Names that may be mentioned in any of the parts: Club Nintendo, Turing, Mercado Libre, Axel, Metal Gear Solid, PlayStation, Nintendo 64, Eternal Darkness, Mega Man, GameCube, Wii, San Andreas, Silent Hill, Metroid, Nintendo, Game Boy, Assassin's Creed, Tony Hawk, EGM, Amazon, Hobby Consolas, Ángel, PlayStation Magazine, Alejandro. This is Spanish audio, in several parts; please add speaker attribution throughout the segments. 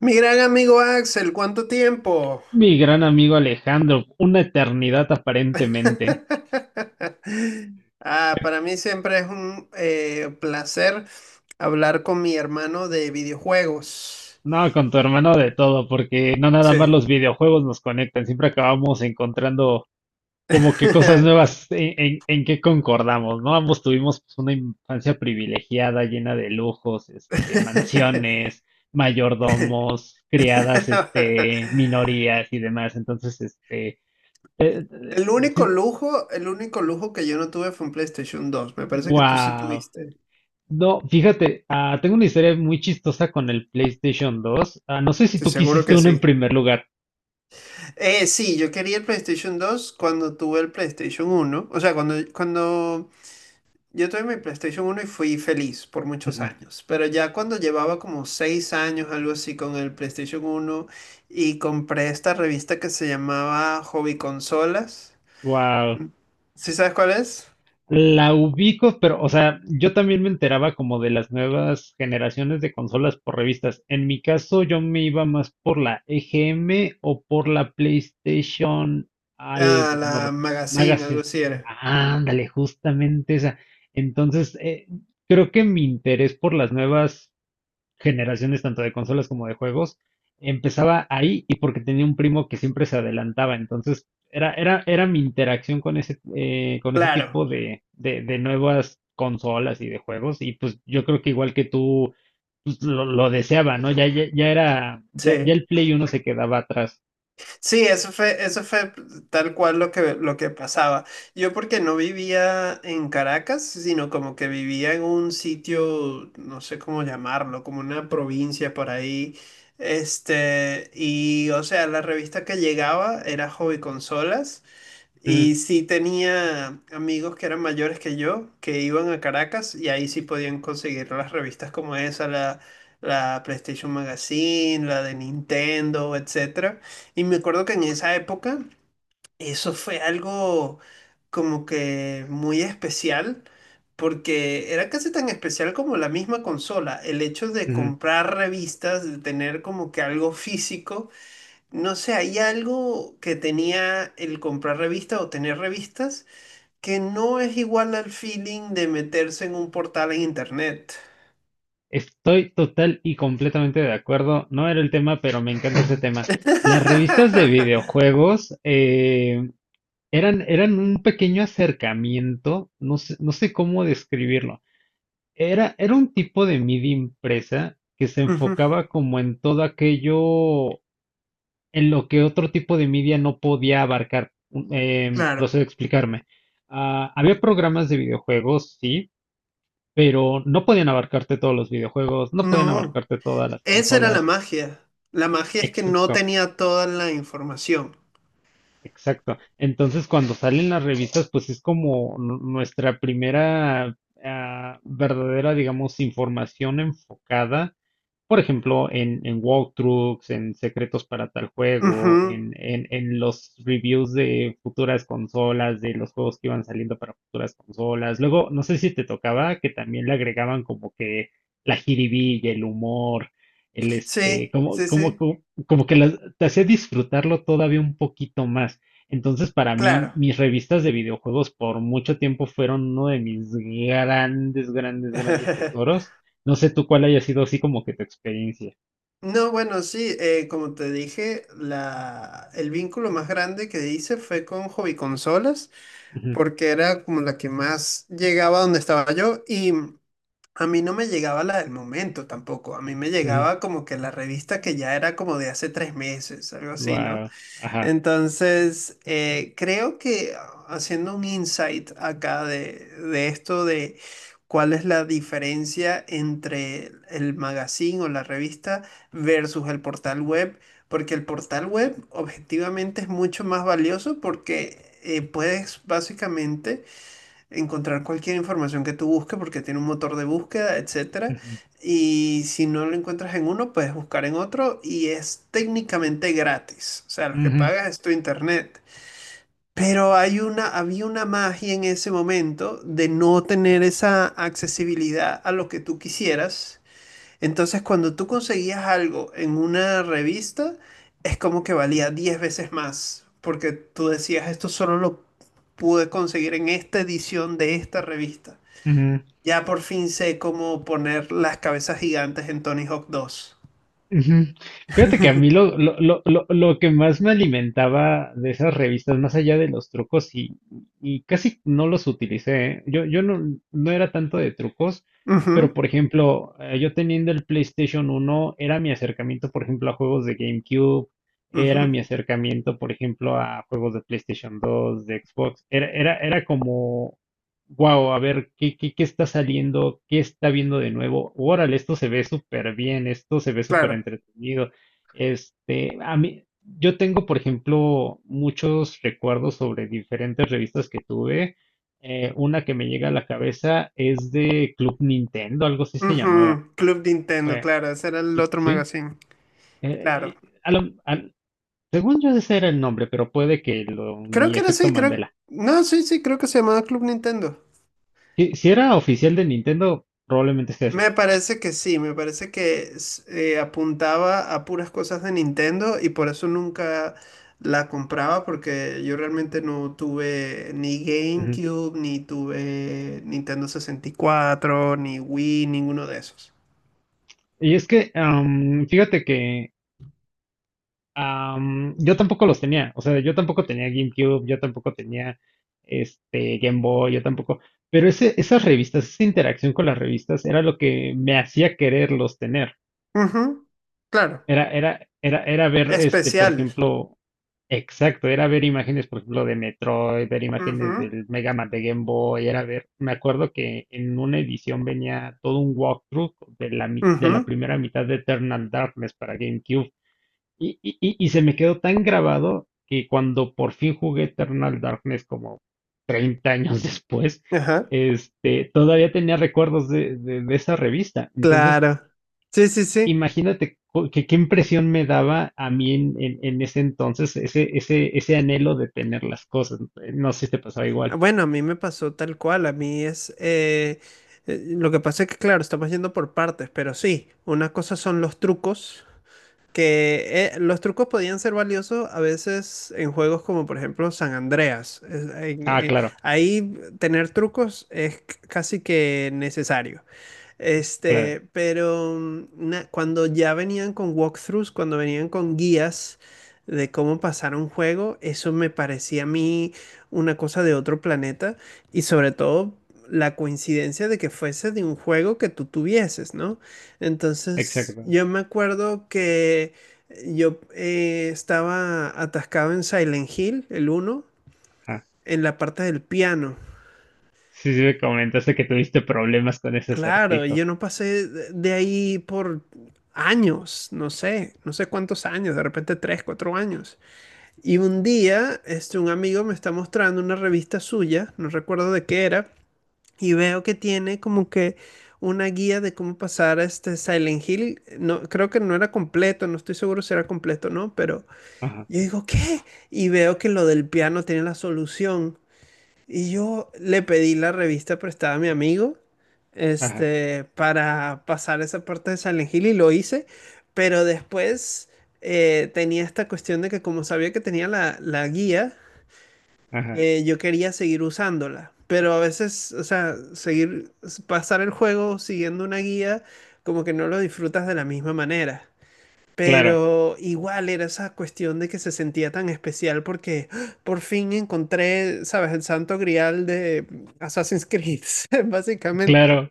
Speaker 1: Mi gran amigo Axel, ¿cuánto tiempo?
Speaker 2: Mi gran amigo Alejandro, una eternidad aparentemente.
Speaker 1: Ah, para mí siempre es un placer hablar con mi hermano de videojuegos.
Speaker 2: No, con tu hermano de todo, porque no nada más
Speaker 1: Sí.
Speaker 2: los videojuegos nos conectan, siempre acabamos encontrando como que cosas nuevas en que concordamos, ¿no? Ambos tuvimos pues, una infancia privilegiada, llena de lujos, este, mansiones, mayordomos, criadas, este, minorías y demás. Entonces, este,
Speaker 1: El único lujo que yo no tuve fue un PlayStation dos. Me parece que tú sí
Speaker 2: wow.
Speaker 1: tuviste.
Speaker 2: No, fíjate, tengo una historia muy chistosa con el PlayStation dos. No sé si
Speaker 1: Te
Speaker 2: tú
Speaker 1: seguro
Speaker 2: quisiste
Speaker 1: que
Speaker 2: uno en
Speaker 1: sí.
Speaker 2: primer lugar.
Speaker 1: Sí, yo quería el PlayStation 2 cuando tuve el PlayStation uno. O sea, cuando yo tuve mi PlayStation uno y fui feliz por muchos
Speaker 2: Ujú.
Speaker 1: años, pero ya cuando llevaba como 6 años, algo así, con el PlayStation uno y compré esta revista que se llamaba Hobby Consolas,
Speaker 2: Wow.
Speaker 1: ¿sí sabes cuál es?
Speaker 2: La ubico, pero, o sea, yo también me enteraba como de las nuevas generaciones de consolas por revistas. En mi caso, yo me iba más por la EGM o por la PlayStation
Speaker 1: Ah,
Speaker 2: algo, no,
Speaker 1: la Magazine, algo
Speaker 2: Magazine.
Speaker 1: así era.
Speaker 2: Ándale, justamente esa. Entonces, creo que mi interés por las nuevas generaciones tanto de consolas como de juegos empezaba ahí y porque tenía un primo que siempre se adelantaba, entonces era mi interacción con ese
Speaker 1: Claro,
Speaker 2: tipo de nuevas consolas y de juegos y pues yo creo que igual que tú pues, lo deseaba, ¿no? Ya era, ya
Speaker 1: sí.
Speaker 2: el Play uno se quedaba atrás.
Speaker 1: Sí, eso fue tal cual lo que pasaba. Yo porque no vivía en Caracas, sino como que vivía en un sitio, no sé cómo llamarlo, como una provincia por ahí. Este, y o sea, la revista que llegaba era Hobby Consolas.
Speaker 2: Mm,
Speaker 1: Y sí tenía amigos que eran mayores que yo, que iban a Caracas y ahí sí podían conseguir las revistas como esa, la PlayStation Magazine, la de Nintendo, etcétera. Y me acuerdo que en esa época eso fue algo como que muy especial, porque era casi tan especial como la misma consola, el hecho de
Speaker 2: ujú.
Speaker 1: comprar revistas, de tener como que algo físico. No sé, hay algo que tenía el comprar revistas o tener revistas que no es igual al feeling de meterse en un portal en internet.
Speaker 2: Estoy total y completamente de acuerdo. No era el tema, pero me encanta ese tema. Las revistas de videojuegos, eran, eran un pequeño acercamiento, no sé, no sé cómo describirlo. Era un tipo de media impresa que se
Speaker 1: Ujú,
Speaker 2: enfocaba como en todo aquello en lo que otro tipo de media no podía abarcar.
Speaker 1: claro.
Speaker 2: Procedo a explicarme. Había programas de videojuegos, sí, pero no podían abarcarte todos los videojuegos, no podían
Speaker 1: No,
Speaker 2: abarcarte todas las
Speaker 1: esa era la
Speaker 2: consolas,
Speaker 1: magia. La magia es que no
Speaker 2: etc.
Speaker 1: tenía toda la información.
Speaker 2: Exacto. Entonces, cuando salen las revistas, pues es como nuestra primera verdadera, digamos, información enfocada, por ejemplo, en walkthroughs, en secretos para tal juego,
Speaker 1: Ujú.
Speaker 2: en los reviews de futuras consolas, de los juegos que iban saliendo para futuras consolas. Luego, no sé si te tocaba que también le agregaban como que la jiribilla, el humor, el
Speaker 1: Sí,
Speaker 2: este,
Speaker 1: sí, sí,
Speaker 2: como que te hacía disfrutarlo todavía un poquito más. Entonces, para mí,
Speaker 1: claro.
Speaker 2: mis revistas de videojuegos por mucho tiempo fueron uno de mis grandes, grandes, grandes tesoros. No sé tú cuál haya sido así como que tu experiencia.
Speaker 1: No, bueno, sí, como te dije, el vínculo más grande que hice fue con hobby
Speaker 2: Wow,
Speaker 1: porque era como la que más llegaba a donde estaba yo, y a mí no me llegaba la del momento tampoco, a mí me llegaba como que la revista que ya era como de hace 3 meses, algo así, ¿no?
Speaker 2: ajá.
Speaker 1: Entonces, creo que haciendo un insight acá de esto de cuál es la diferencia entre el magazine o la revista versus el portal web. Porque el portal web objetivamente es mucho más valioso porque puedes básicamente encontrar cualquier información que tú busques porque tiene un motor de búsqueda, etcétera.
Speaker 2: Ujú,
Speaker 1: Y si no lo encuentras en uno, puedes buscar en otro y es técnicamente gratis. O sea, lo que
Speaker 2: ujú,
Speaker 1: pagas es tu internet. Pero hay una, había una magia en ese momento de no tener esa accesibilidad a lo que tú quisieras. Entonces, cuando tú conseguías algo en una revista, es como que valía 10 veces más, porque tú decías, esto solo lo pude conseguir en esta edición de esta revista.
Speaker 2: ujú.
Speaker 1: Ya por fin sé cómo poner las cabezas gigantes en Tony Hawk dos.
Speaker 2: Ujú. Fíjate que a mí lo que más me alimentaba de esas revistas, más allá de los trucos, y casi no los utilicé, ¿eh? Yo no, no era tanto de trucos, pero
Speaker 1: Ujú,
Speaker 2: por ejemplo, yo teniendo el PlayStation uno era mi acercamiento, por ejemplo, a juegos de GameCube, era
Speaker 1: ujú,
Speaker 2: mi acercamiento, por ejemplo, a juegos de PlayStation dos, de Xbox, era como wow, a ver, ¿ qué está saliendo? ¿Qué está viendo de nuevo? Órale, esto se ve súper bien, esto se ve súper
Speaker 1: claro.
Speaker 2: entretenido. Este, a mí, yo tengo, por ejemplo, muchos recuerdos sobre diferentes revistas que tuve. Una que me llega a la cabeza es de Club Nintendo, algo así se llamaba.
Speaker 1: Ujú, Club Nintendo,
Speaker 2: Eh,
Speaker 1: claro, ese era el
Speaker 2: sí,
Speaker 1: otro
Speaker 2: sí.
Speaker 1: magazine.
Speaker 2: eh,
Speaker 1: Claro.
Speaker 2: eh, a lo- al- Según yo ese era el nombre, pero puede que lo,
Speaker 1: Creo
Speaker 2: mi
Speaker 1: que era
Speaker 2: efecto
Speaker 1: así, creo.
Speaker 2: Mandela.
Speaker 1: No, sí, sí, creo que se llamaba Club Nintendo.
Speaker 2: Si, si era oficial de Nintendo, probablemente sea ese.
Speaker 1: Me parece que sí, me parece que s- apuntaba a puras cosas de Nintendo y por eso nunca la compraba porque yo realmente no tuve ni GameCube, ni tuve Nintendo 64 ni Wii, ninguno de esos.
Speaker 2: Y es que, fíjate que yo tampoco los tenía, o sea, yo tampoco tenía GameCube, yo tampoco tenía este Game Boy, yo tampoco, pero ese, esas revistas, esa interacción con las revistas era lo que me hacía quererlos tener.
Speaker 1: Ujú, claro,
Speaker 2: Era ver, este, por
Speaker 1: especial.
Speaker 2: ejemplo, exacto, era ver imágenes, por ejemplo, de Metroid, ver imágenes
Speaker 1: Ujú,
Speaker 2: del Mega Man de Game Boy, era ver, me acuerdo que en una edición venía todo un walkthrough de de la
Speaker 1: ujú,
Speaker 2: primera mitad de Eternal Darkness para GameCube. Y se me quedó tan grabado que cuando por fin jugué Eternal Darkness como 30 años después,
Speaker 1: ajá,
Speaker 2: este, todavía tenía recuerdos de esa revista. Entonces,
Speaker 1: claro. Sí, sí, sí.
Speaker 2: imagínate qué impresión me daba a mí en ese entonces ese, ese anhelo de tener las cosas. No sé si te pasaba igual.
Speaker 1: Ah, bueno, a mí me pasó tal cual, a mí es... lo que pasa es que, claro, estamos yendo por partes, pero sí, una cosa son los trucos, que los trucos podían ser valiosos a veces en juegos como por ejemplo San Andreas. Es- en-
Speaker 2: Ah, claro,
Speaker 1: ahí tener trucos es c- casi que necesario.
Speaker 2: claro,
Speaker 1: Este, pero na- cuando ya venían con walkthroughs, cuando venían con guías de cómo pasar un juego, eso me parecía a mí una cosa de otro planeta y sobre todo la coincidencia de que fuese de un juego que tú tuvieses, ¿no? Entonces,
Speaker 2: exacto.
Speaker 1: yo me acuerdo que yo estaba atascado en Silent Hill, el uno,
Speaker 2: Ajá.
Speaker 1: en la parte del piano.
Speaker 2: Sí, sí, me comentaste que tuviste problemas con ese
Speaker 1: Claro, y
Speaker 2: acertijo.
Speaker 1: yo no pasé de ahí por años, no sé, no sé cuántos años, de repente tres, cuatro años. Y un día, este, un amigo me está mostrando una revista suya, no recuerdo de qué era, y veo que tiene como que una guía de cómo pasar este Silent Hill. No, creo que no era completo, no estoy seguro si era completo o no, pero
Speaker 2: Ajá,
Speaker 1: yo digo, ¿qué? Y veo que lo del piano tiene la solución. Y yo le pedí la revista prestada a mi amigo,
Speaker 2: ajá,
Speaker 1: este, para pasar esa parte de Silent Hill y lo hice, pero después tenía esta cuestión de que como sabía que tenía la guía,
Speaker 2: ajá.
Speaker 1: yo quería seguir usándola, pero a veces, o sea, seguir, pasar el juego siguiendo una guía, como que no lo disfrutas de la misma manera.
Speaker 2: Claro,
Speaker 1: Pero igual era esa cuestión de que se sentía tan especial porque ¡ah! Por fin encontré, ¿sabes? El santo grial de Assassin's Creed, básicamente.
Speaker 2: claro.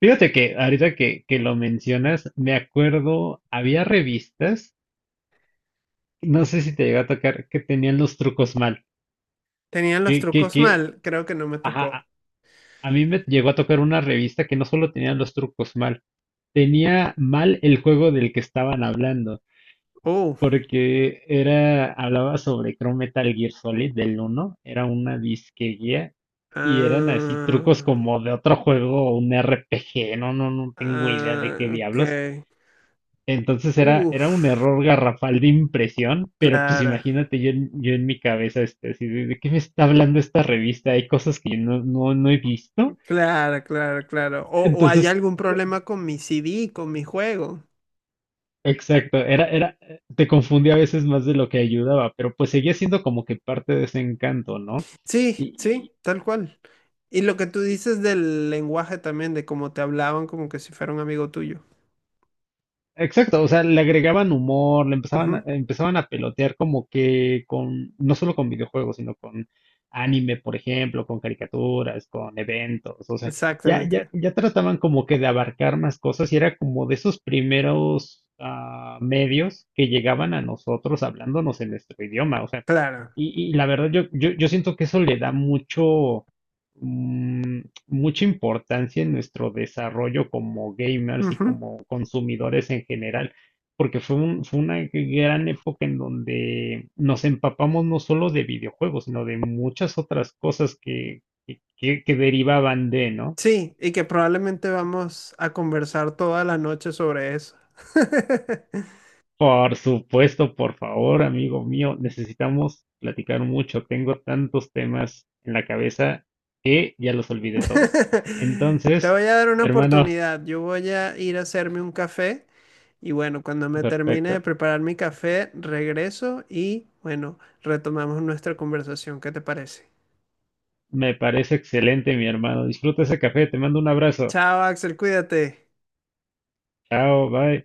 Speaker 2: Fíjate que ahorita que lo mencionas, me acuerdo, había revistas, no sé si te llegó a tocar, que tenían los trucos mal.
Speaker 1: Tenían los trucos
Speaker 2: Que,
Speaker 1: mal, creo que no me
Speaker 2: ajá,
Speaker 1: tocó.
Speaker 2: a mí me llegó a tocar una revista que no solo tenía los trucos mal, tenía mal el juego del que estaban hablando,
Speaker 1: Oh,
Speaker 2: porque era, hablaba sobre creo Metal Gear Solid del uno, era una disque guía, y eran así trucos
Speaker 1: ah,
Speaker 2: como de otro juego, un RPG. No, no, no tengo idea de qué
Speaker 1: ah, ok.
Speaker 2: diablos. Entonces era, era un
Speaker 1: Uf,
Speaker 2: error garrafal de impresión, pero pues
Speaker 1: claro,
Speaker 2: imagínate yo en mi cabeza, este, así ¿de qué me está hablando esta revista? Hay cosas que yo no, no, no he visto.
Speaker 1: claro, claro, claro. O hay
Speaker 2: Entonces,
Speaker 1: algún problema con mi CD, con mi juego.
Speaker 2: exacto, te confundía a veces más de lo que ayudaba, pero pues seguía siendo como que parte de ese encanto, ¿no?
Speaker 1: Sí, sí, tal cual. Y lo que tú dices del lenguaje también, de cómo te hablaban como que si fuera un amigo tuyo.
Speaker 2: Exacto, o sea, le agregaban humor, le empezaban a,
Speaker 1: Ujú,
Speaker 2: empezaban a pelotear como que con, no solo con videojuegos, sino con anime, por ejemplo, con caricaturas, con eventos, o sea, ya, ya,
Speaker 1: exactamente.
Speaker 2: ya trataban como que de abarcar más cosas y era como de esos primeros medios que llegaban a nosotros hablándonos en nuestro idioma, o sea,
Speaker 1: Claro.
Speaker 2: y la verdad yo siento que eso le da mucho, mm, mucha importancia en nuestro desarrollo como gamers y
Speaker 1: Ujú,
Speaker 2: como consumidores en general, porque fue una gran época en donde nos empapamos no solo de videojuegos, sino de muchas otras cosas que derivaban de, ¿no?
Speaker 1: sí, y que probablemente vamos a conversar toda la noche sobre eso.
Speaker 2: Por supuesto, por favor, amigo mío, necesitamos platicar mucho. Tengo tantos temas en la cabeza que ya los olvidé todos.
Speaker 1: Te
Speaker 2: Entonces,
Speaker 1: voy a dar una
Speaker 2: hermano,
Speaker 1: oportunidad. Yo voy a ir a hacerme un café y bueno, cuando me termine
Speaker 2: perfecto.
Speaker 1: de preparar mi café, regreso y bueno, retomamos nuestra conversación. ¿Qué te parece?
Speaker 2: Me parece excelente, mi hermano. Disfruta ese café. Te mando un abrazo.
Speaker 1: Chao, Axel, cuídate.
Speaker 2: Chao, bye.